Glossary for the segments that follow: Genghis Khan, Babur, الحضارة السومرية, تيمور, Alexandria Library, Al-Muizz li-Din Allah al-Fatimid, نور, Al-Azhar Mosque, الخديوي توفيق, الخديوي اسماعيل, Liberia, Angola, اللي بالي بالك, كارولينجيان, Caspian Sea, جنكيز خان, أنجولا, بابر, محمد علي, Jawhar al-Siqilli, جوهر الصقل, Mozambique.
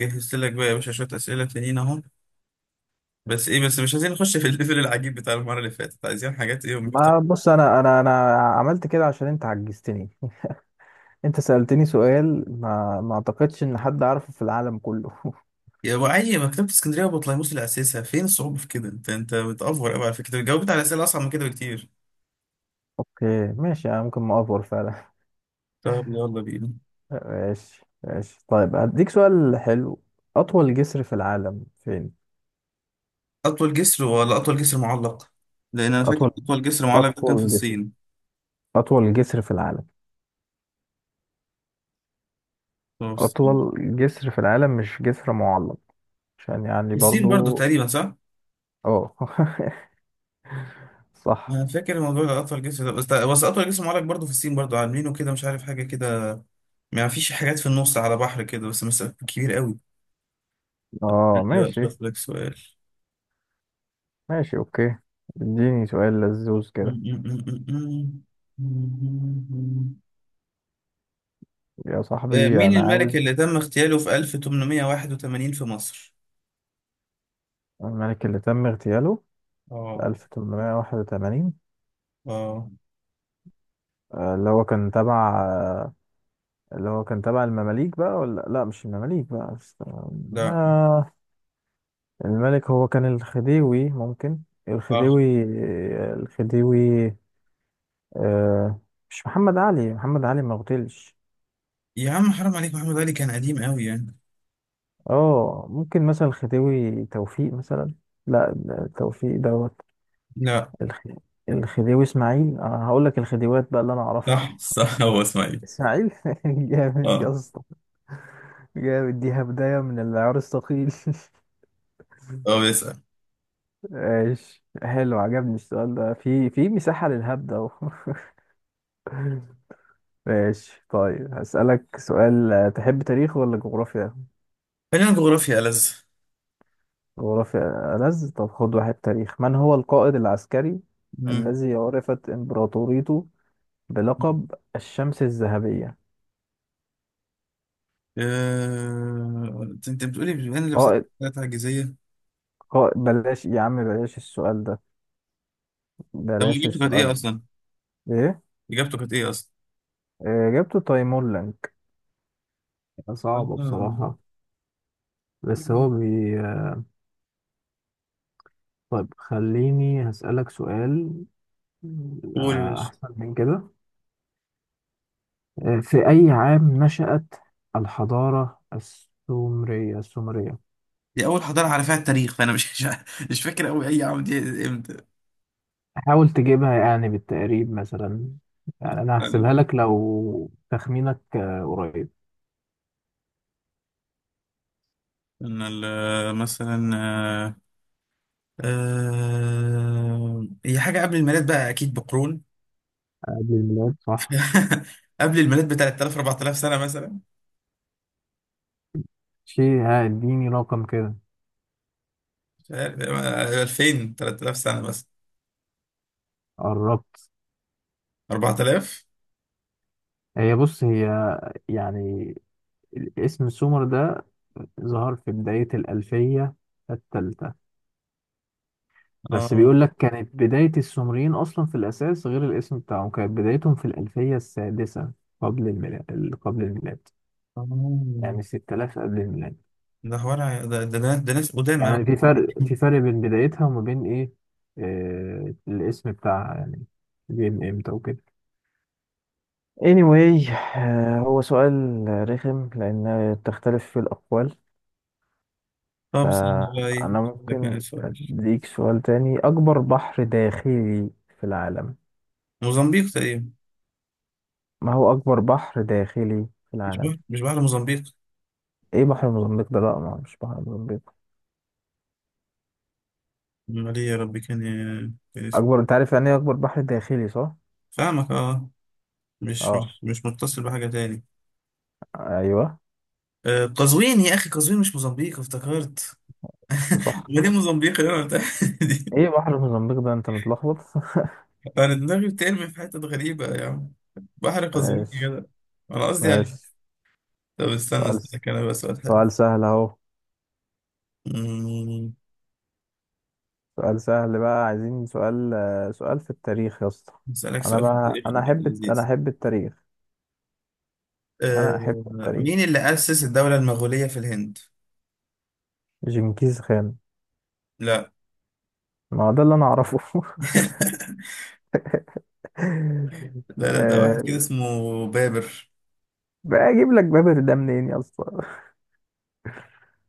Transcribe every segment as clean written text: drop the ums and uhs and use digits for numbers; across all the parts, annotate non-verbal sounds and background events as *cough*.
جهزت لك بقى يا باشا شوية أسئلة تانيين أهو. بس إيه بس مش عايزين نخش في الليفل العجيب بتاع المرة اللي فاتت، عايزين حاجات إيه ما محترمة. بص، انا عملت كده عشان انت عجزتني *laughs* انت سألتني سؤال ما اعتقدش ان حد عارفه في العالم كله *laughs* يا أبو علي، مكتبة اسكندرية وبطليموس اللي أسسها، فين الصعوبة في كده؟ أنت بتأفور أوي، على فكرة جاوبت على أسئلة أصعب من كده بكتير. اوكي ماشي، انا ممكن ما افور فعلا. طب يلا بينا. *laughs* ماشي ماشي، طيب هديك سؤال حلو. اطول جسر في العالم فين؟ أطول جسر ولا أطول جسر معلق؟ لأن أنا فاكر اطول أطول جسر معلق ده كان في اطول جسر الصين. اطول جسر في العالم. هو في الصين. اطول جسر في العالم مش جسر معلق، عشان يعني في الصين برضه برضو. تقريبا، صح؟ اه *laughs* صح. أنا فاكر الموضوع ده، أطول جسر ده بس أطول جسر معلق برضه في الصين، برضه عاملينه كده مش عارف حاجة كده. ما فيش حاجات في النص على بحر كده، بس مسافة كبير أوي. اه دلوقتي ماشي. أشوف لك سؤال. ماشي اوكي، اديني سؤال لذوذ كده. يا صاحبي مين أنا الملك عاوز اللي تم اغتياله في 1881 في مصر؟ الملك اللي تم اغتياله في اه. 1881. اه. اللي هو كان تبع اللي هو كان تبع المماليك بقى، ولا لا، مش المماليك بقى، استنى. لا. آه، الملك هو كان الخديوي ممكن. اه، الخديوي الخديوي. آه، مش محمد علي، محمد علي ما اغتيلش. يا عم حرام عليك، محمد علي كان قديم قوي يعني. اه، ممكن مثلا الخديوي توفيق مثلا. لا، ده توفيق دوت. لا. الخ- الخديوي اسماعيل، انا هقول لك الخديوات بقى اللي انا اعرفها. صح صح، هو اسماعيل. اسماعيل *laughs* جامد يا اه. اسطى. جامد، دي هبداية من العيار الثقيل *laughs* هو بيسأل. ماشي، حلو عجبني السؤال ده، في مساحة للهبدة اهو *laughs* ماشي، طيب هسألك سؤال. تحب تاريخ ولا جغرافيا؟ خلينا جغرافيا ألذ. جغرافيا ألذ. طب خد واحد تاريخ. من هو القائد العسكري مم. الذي عرفت إمبراطوريته بلقب الشمس الذهبية؟ انت بتقولي بما ان لبستك قائد ثلاث عجيزية. قائد بلاش يا عم، بلاش السؤال ده، طب بلاش اجابته كانت ايه السؤال. اصلا؟ ده. إيه؟ اجابته كانت ايه اصلا؟ إجابته تيمور. صعبة آه. بصراحة. بس هو بي طيب خليني هسألك سؤال قول يا باشا. أحسن من كده. في أي عام نشأت الحضارة السومرية؟ دي اول حضاره على فيها التاريخ، فانا مش *laughs* مش فاكر قوي اي عام دي، امتى. حاول تجيبها يعني بالتقريب مثلا. يعني أنا كان هحسبها لك لو تخمينك قريب. مثلا، آه، هي حاجه قبل الميلاد بقى اكيد بقرون. قبل الميلاد، صح. *laughs* قبل الميلاد ب 3000 4000 سنه مثلا. شيء، اديني رقم كده. مش عارف، 2000 3000 سنه مثلا. قربت. 4000. هي بص، هي يعني اسم سومر ده ظهر في بداية الألفية الثالثة، بس اه. بيقول لك كانت بداية السومريين أصلا في الأساس، غير الاسم بتاعهم، كانت بدايتهم في الألفية السادسة قبل الميلاد، قبل الميلاد. آه. يعني 6000 قبل الميلاد. ده ناس، ده ناس قدام قوي. يعني في *laughs* فرق في فرق بين بدايتها وما بين إيه، آه الاسم بتاعها يعني جه من إمتى وكده. anyway. هو سؤال رخم لأن تختلف في الأقوال. طب استنى بقى ايه، فأنا أشوف لك ممكن يعني سؤال. أديك سؤال تاني. أكبر بحر داخلي في العالم. موزمبيق تقريبا. ما هو أكبر بحر داخلي في مش العالم؟ بحر مش بحر موزمبيق. إيه بحر موزمبيق ده، لأ، ما هو مش بحر موزمبيق. امال ايه يا ربي، كان إيه؟ كان، أكبر، أنت عارف يعني إيه أكبر بحر داخلي صح؟ فاهمك اه، مش أه، مش مش متصل بحاجة تاني. أيوه. قزوين يا أخي، قزوين، مش موزمبيق افتكرت. وصح. *laughs* ما دي موزمبيق اللي أنا قلتها *laughs* دي. إيه بحر موزمبيق ده، أنت متلخبط *laughs* أنا دماغي بترمي في حتت غريبة يا عم. بحر قزوين يا ماشي جدع. أنا قصدي عليه. ماشي. طب استنى سؤال أسألك أنا بقى سؤال حلو. سؤال سهل أهو. أمم، سؤال سهل بقى، عايزين سؤال. سؤال في التاريخ يا اسطى. أسألك أنا سؤال في بقى، التاريخ أنا لذيذ. أحب التاريخ. آه، أنا أحب مين التاريخ. اللي أسس الدولة المغولية في الهند؟ جنكيز خان. لا. ما هو ده اللي انا اعرفه *laughs* *laughs* لا ده واحد آه، كده اسمه بابر. بقى اجيب لك بابر ده منين يا اسطى؟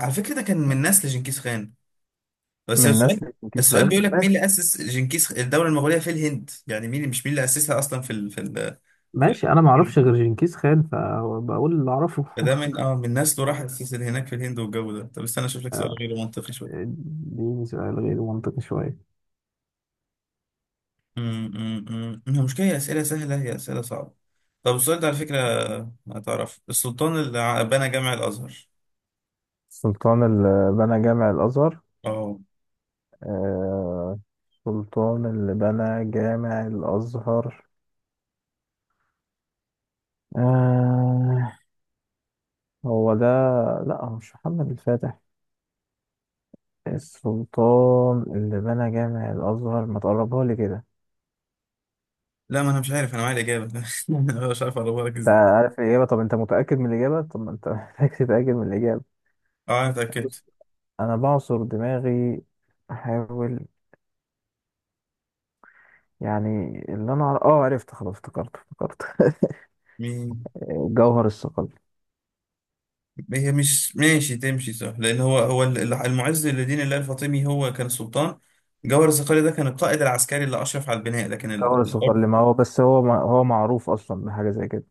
على فكرة ده كان من نسل جنكيز خان. *laughs* بس من السؤال نسل جنكيز السؤال خان بيقول لك مين بس. اللي أسس جنكيز الدولة المغولية في الهند، يعني مين، مش مين اللي أسسها أصلا في ماشي، انا ما اعرفش الهند. غير جنكيز خان فبقول اللي اعرفه فده من *laughs* اه من نسله راح أسس هناك في الهند والجو ده. طب استنى أشوف لك سؤال آه، غير منطقي شوية. اديني سؤال غير منطقي شويه. أمم، أمم، أمم. المشكلة هي أسئلة سهلة، هي أسئلة صعبة. طب السؤال ده على فكرة، هتعرف السلطان اللي بنى جامع الأزهر؟ السلطان اللي بنى جامع الازهر. اه. آه، السلطان اللي بنى جامع الازهر. آه، هو ده. لا، هو مش محمد الفاتح. السلطان اللي بنى جامع الازهر، ما تقربها لي كده. لا ما أنا مش عارف، أنا معايا الإجابة. *laughs* أنا مش عارف أقربها لك انت إزاي. عارف الإجابة؟ طب أنت متأكد من الإجابة؟ طب ما أنت *laughs* محتاج تتأكد من الإجابة. اه أنا بص، اتأكدت. أنا بعصر دماغي، أحاول يعني. اللي أنا عر... أه عرفت، خلاص افتكرت افتكرت *laughs* مين؟ جوهر الصقل. هي مش ماشي تمشي صح لان المعز لدين الله الفاطمي هو كان السلطان. جوهر الصقلي ده كان القائد العسكري اللي اشرف على البناء، لكن جوهر الحر. الصقل ما هو بس هو ما... هو معروف أصلا بحاجة زي كده.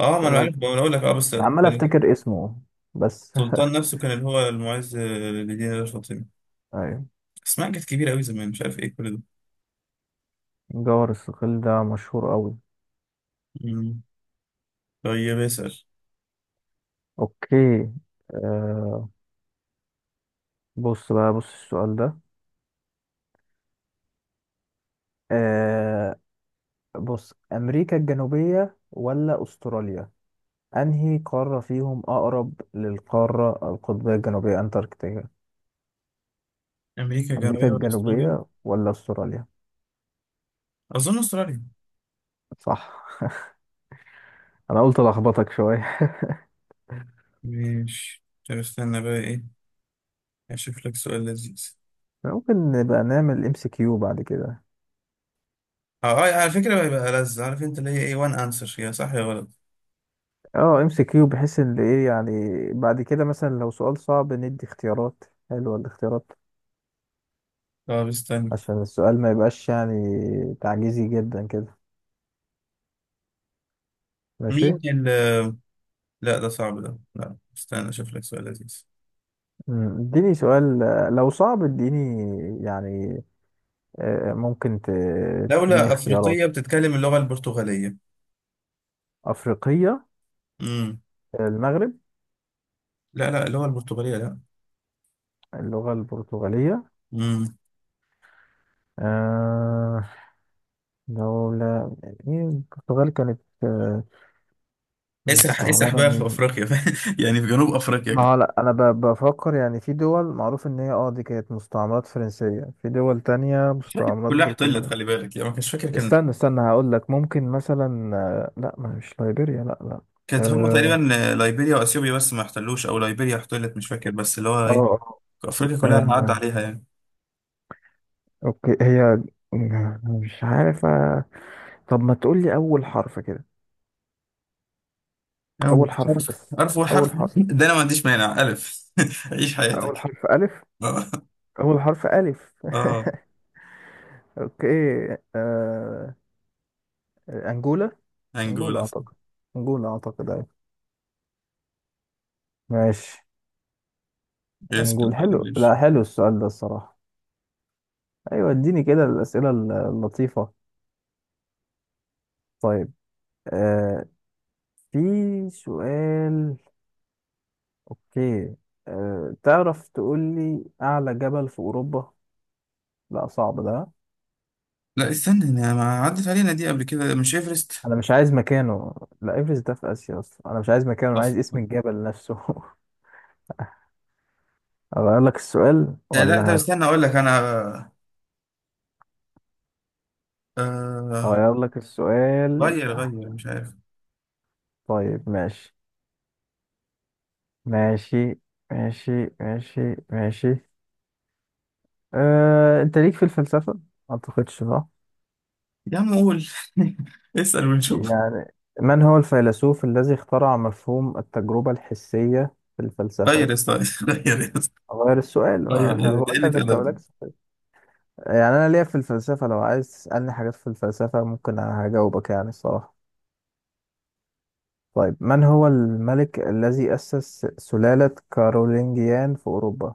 اه ما انا فأنا عارف، ما انا اقول لك اه، بس عمال كان أفتكر اسمه بس. السلطان نفسه كان اللي هو المعز لدين الله الفاطمي. *laughs* أيوة، اسمها كانت كبيره قوي زمان مش عارف ايه كل ده. جوهر الصقل ده مشهور أوي. مم. طيب اسال. أوكي. آه... بص بقى، بص السؤال ده. آه... بص، أمريكا الجنوبية ولا أستراليا؟ أنهي قارة فيهم أقرب للقارة القطبية الجنوبية أنتاركتيكا؟ امريكا أمريكا الجنوبيه ولا استراليا؟ الجنوبية ولا أستراليا؟ اظن استراليا. صح. أنا قلت ألخبطك شوية. ماشي. طب استنى بقى ايه، اشوف لك سؤال لذيذ. ممكن نبقى نعمل MCQ بعد كده. اه، على فكره هيبقى لذ، عارف انت اللي هي ايه وان انسر، يا صح يا غلط. اه MCQ، بحيث ان ايه يعني بعد كده مثلا لو سؤال صعب، ندي اختيارات. حلوة الاختيارات، طب استنى. عشان السؤال ما يبقاش يعني تعجيزي جدا كده. ماشي. مين ال لا ده صعب ده، لا استنى اشوف لك سؤال لذيذ. اديني سؤال لو صعب اديني يعني. آه، ممكن ت- تديني دولة أفريقية اختيارات. بتتكلم اللغة البرتغالية. أفريقية. امم. المغرب. لا اللغة البرتغالية، لا. اللغة البرتغالية. امم. آه، دولة، إيه، البرتغال كانت آه اسرح مستعمرة بقى في من. أفريقيا. *laughs* يعني في جنوب أفريقيا ما كده. هو لا، بفكر يعني في دول معروف إن هي اه دي كانت مستعمرات فرنسية، في دول تانية مش فاكر، مستعمرات كلها احتلت برتغالية. خلي بالك، يعني ما كانش فاكر كان. استنى استنى، هقول لك ممكن مثلا. آه لا، ما مش ليبيريا، لا لا. كانت هم اه تقريبا، ليبيريا وأثيوبيا بس ما احتلوش، أو ليبيريا احتلت مش فاكر، بس اللي هو اه. إيه، أفريقيا آه، كلها عدى آه، عليها يعني. اوكي، هي مش عارف. طب ما تقول لي أول حرف كده؟ أو أول حرف حرف بس. حرف وحرف أول حرف. ده أنا ما عنديش مانع ألف. *laughs* عيش أول حياتك. حرف ألف. اه. أول حرف ألف. اه. *laughs* أوكي. آه... أنجولا. أنجولا أنجولا. أعتقد. أنجولا أعتقد، أيوة. ماشي. اسم. أنجول، حلو، لا، حلو السؤال ده الصراحة. أيوة، اديني كده الأسئلة اللطيفة. طيب. آه... في سؤال. أوكي. تعرف تقول لي أعلى جبل في أوروبا؟ لا صعب ده. لا استنى، انا ما عدت علينا دي قبل كده، مش ايفرست؟ أنا مش عايز مكانه. لا، إيفرست ده في آسيا أصلا، أنا مش عايز مكانه، أنا عايز اسم اصلا الجبل نفسه *laughs* أغير لك السؤال لا ده ولا؟ استنى اقول لك انا. آه. اغير لك السؤال. غير مش عارف. طيب ماشي ماشي ماشي ماشي ماشي. أه، انت ليك في الفلسفة ما اعتقدش صح. يا عم قول. *laughs* اسأل ونشوف. يعني من هو الفيلسوف الذي اخترع مفهوم التجربة الحسية في غير الفلسفة؟ يا اسطى. *laughs* غير يا اسطى. اغير السؤال، غير، إيه ما *laughs* ده، ده بقول لك قلة انت مالكش ادب. سؤال. يعني انا ليا في الفلسفة، لو عايز تسألني حاجات في الفلسفة ممكن هجاوبك يعني الصراحة. طيب، من هو الملك الذي أسس سلالة كارولينجيان في أوروبا؟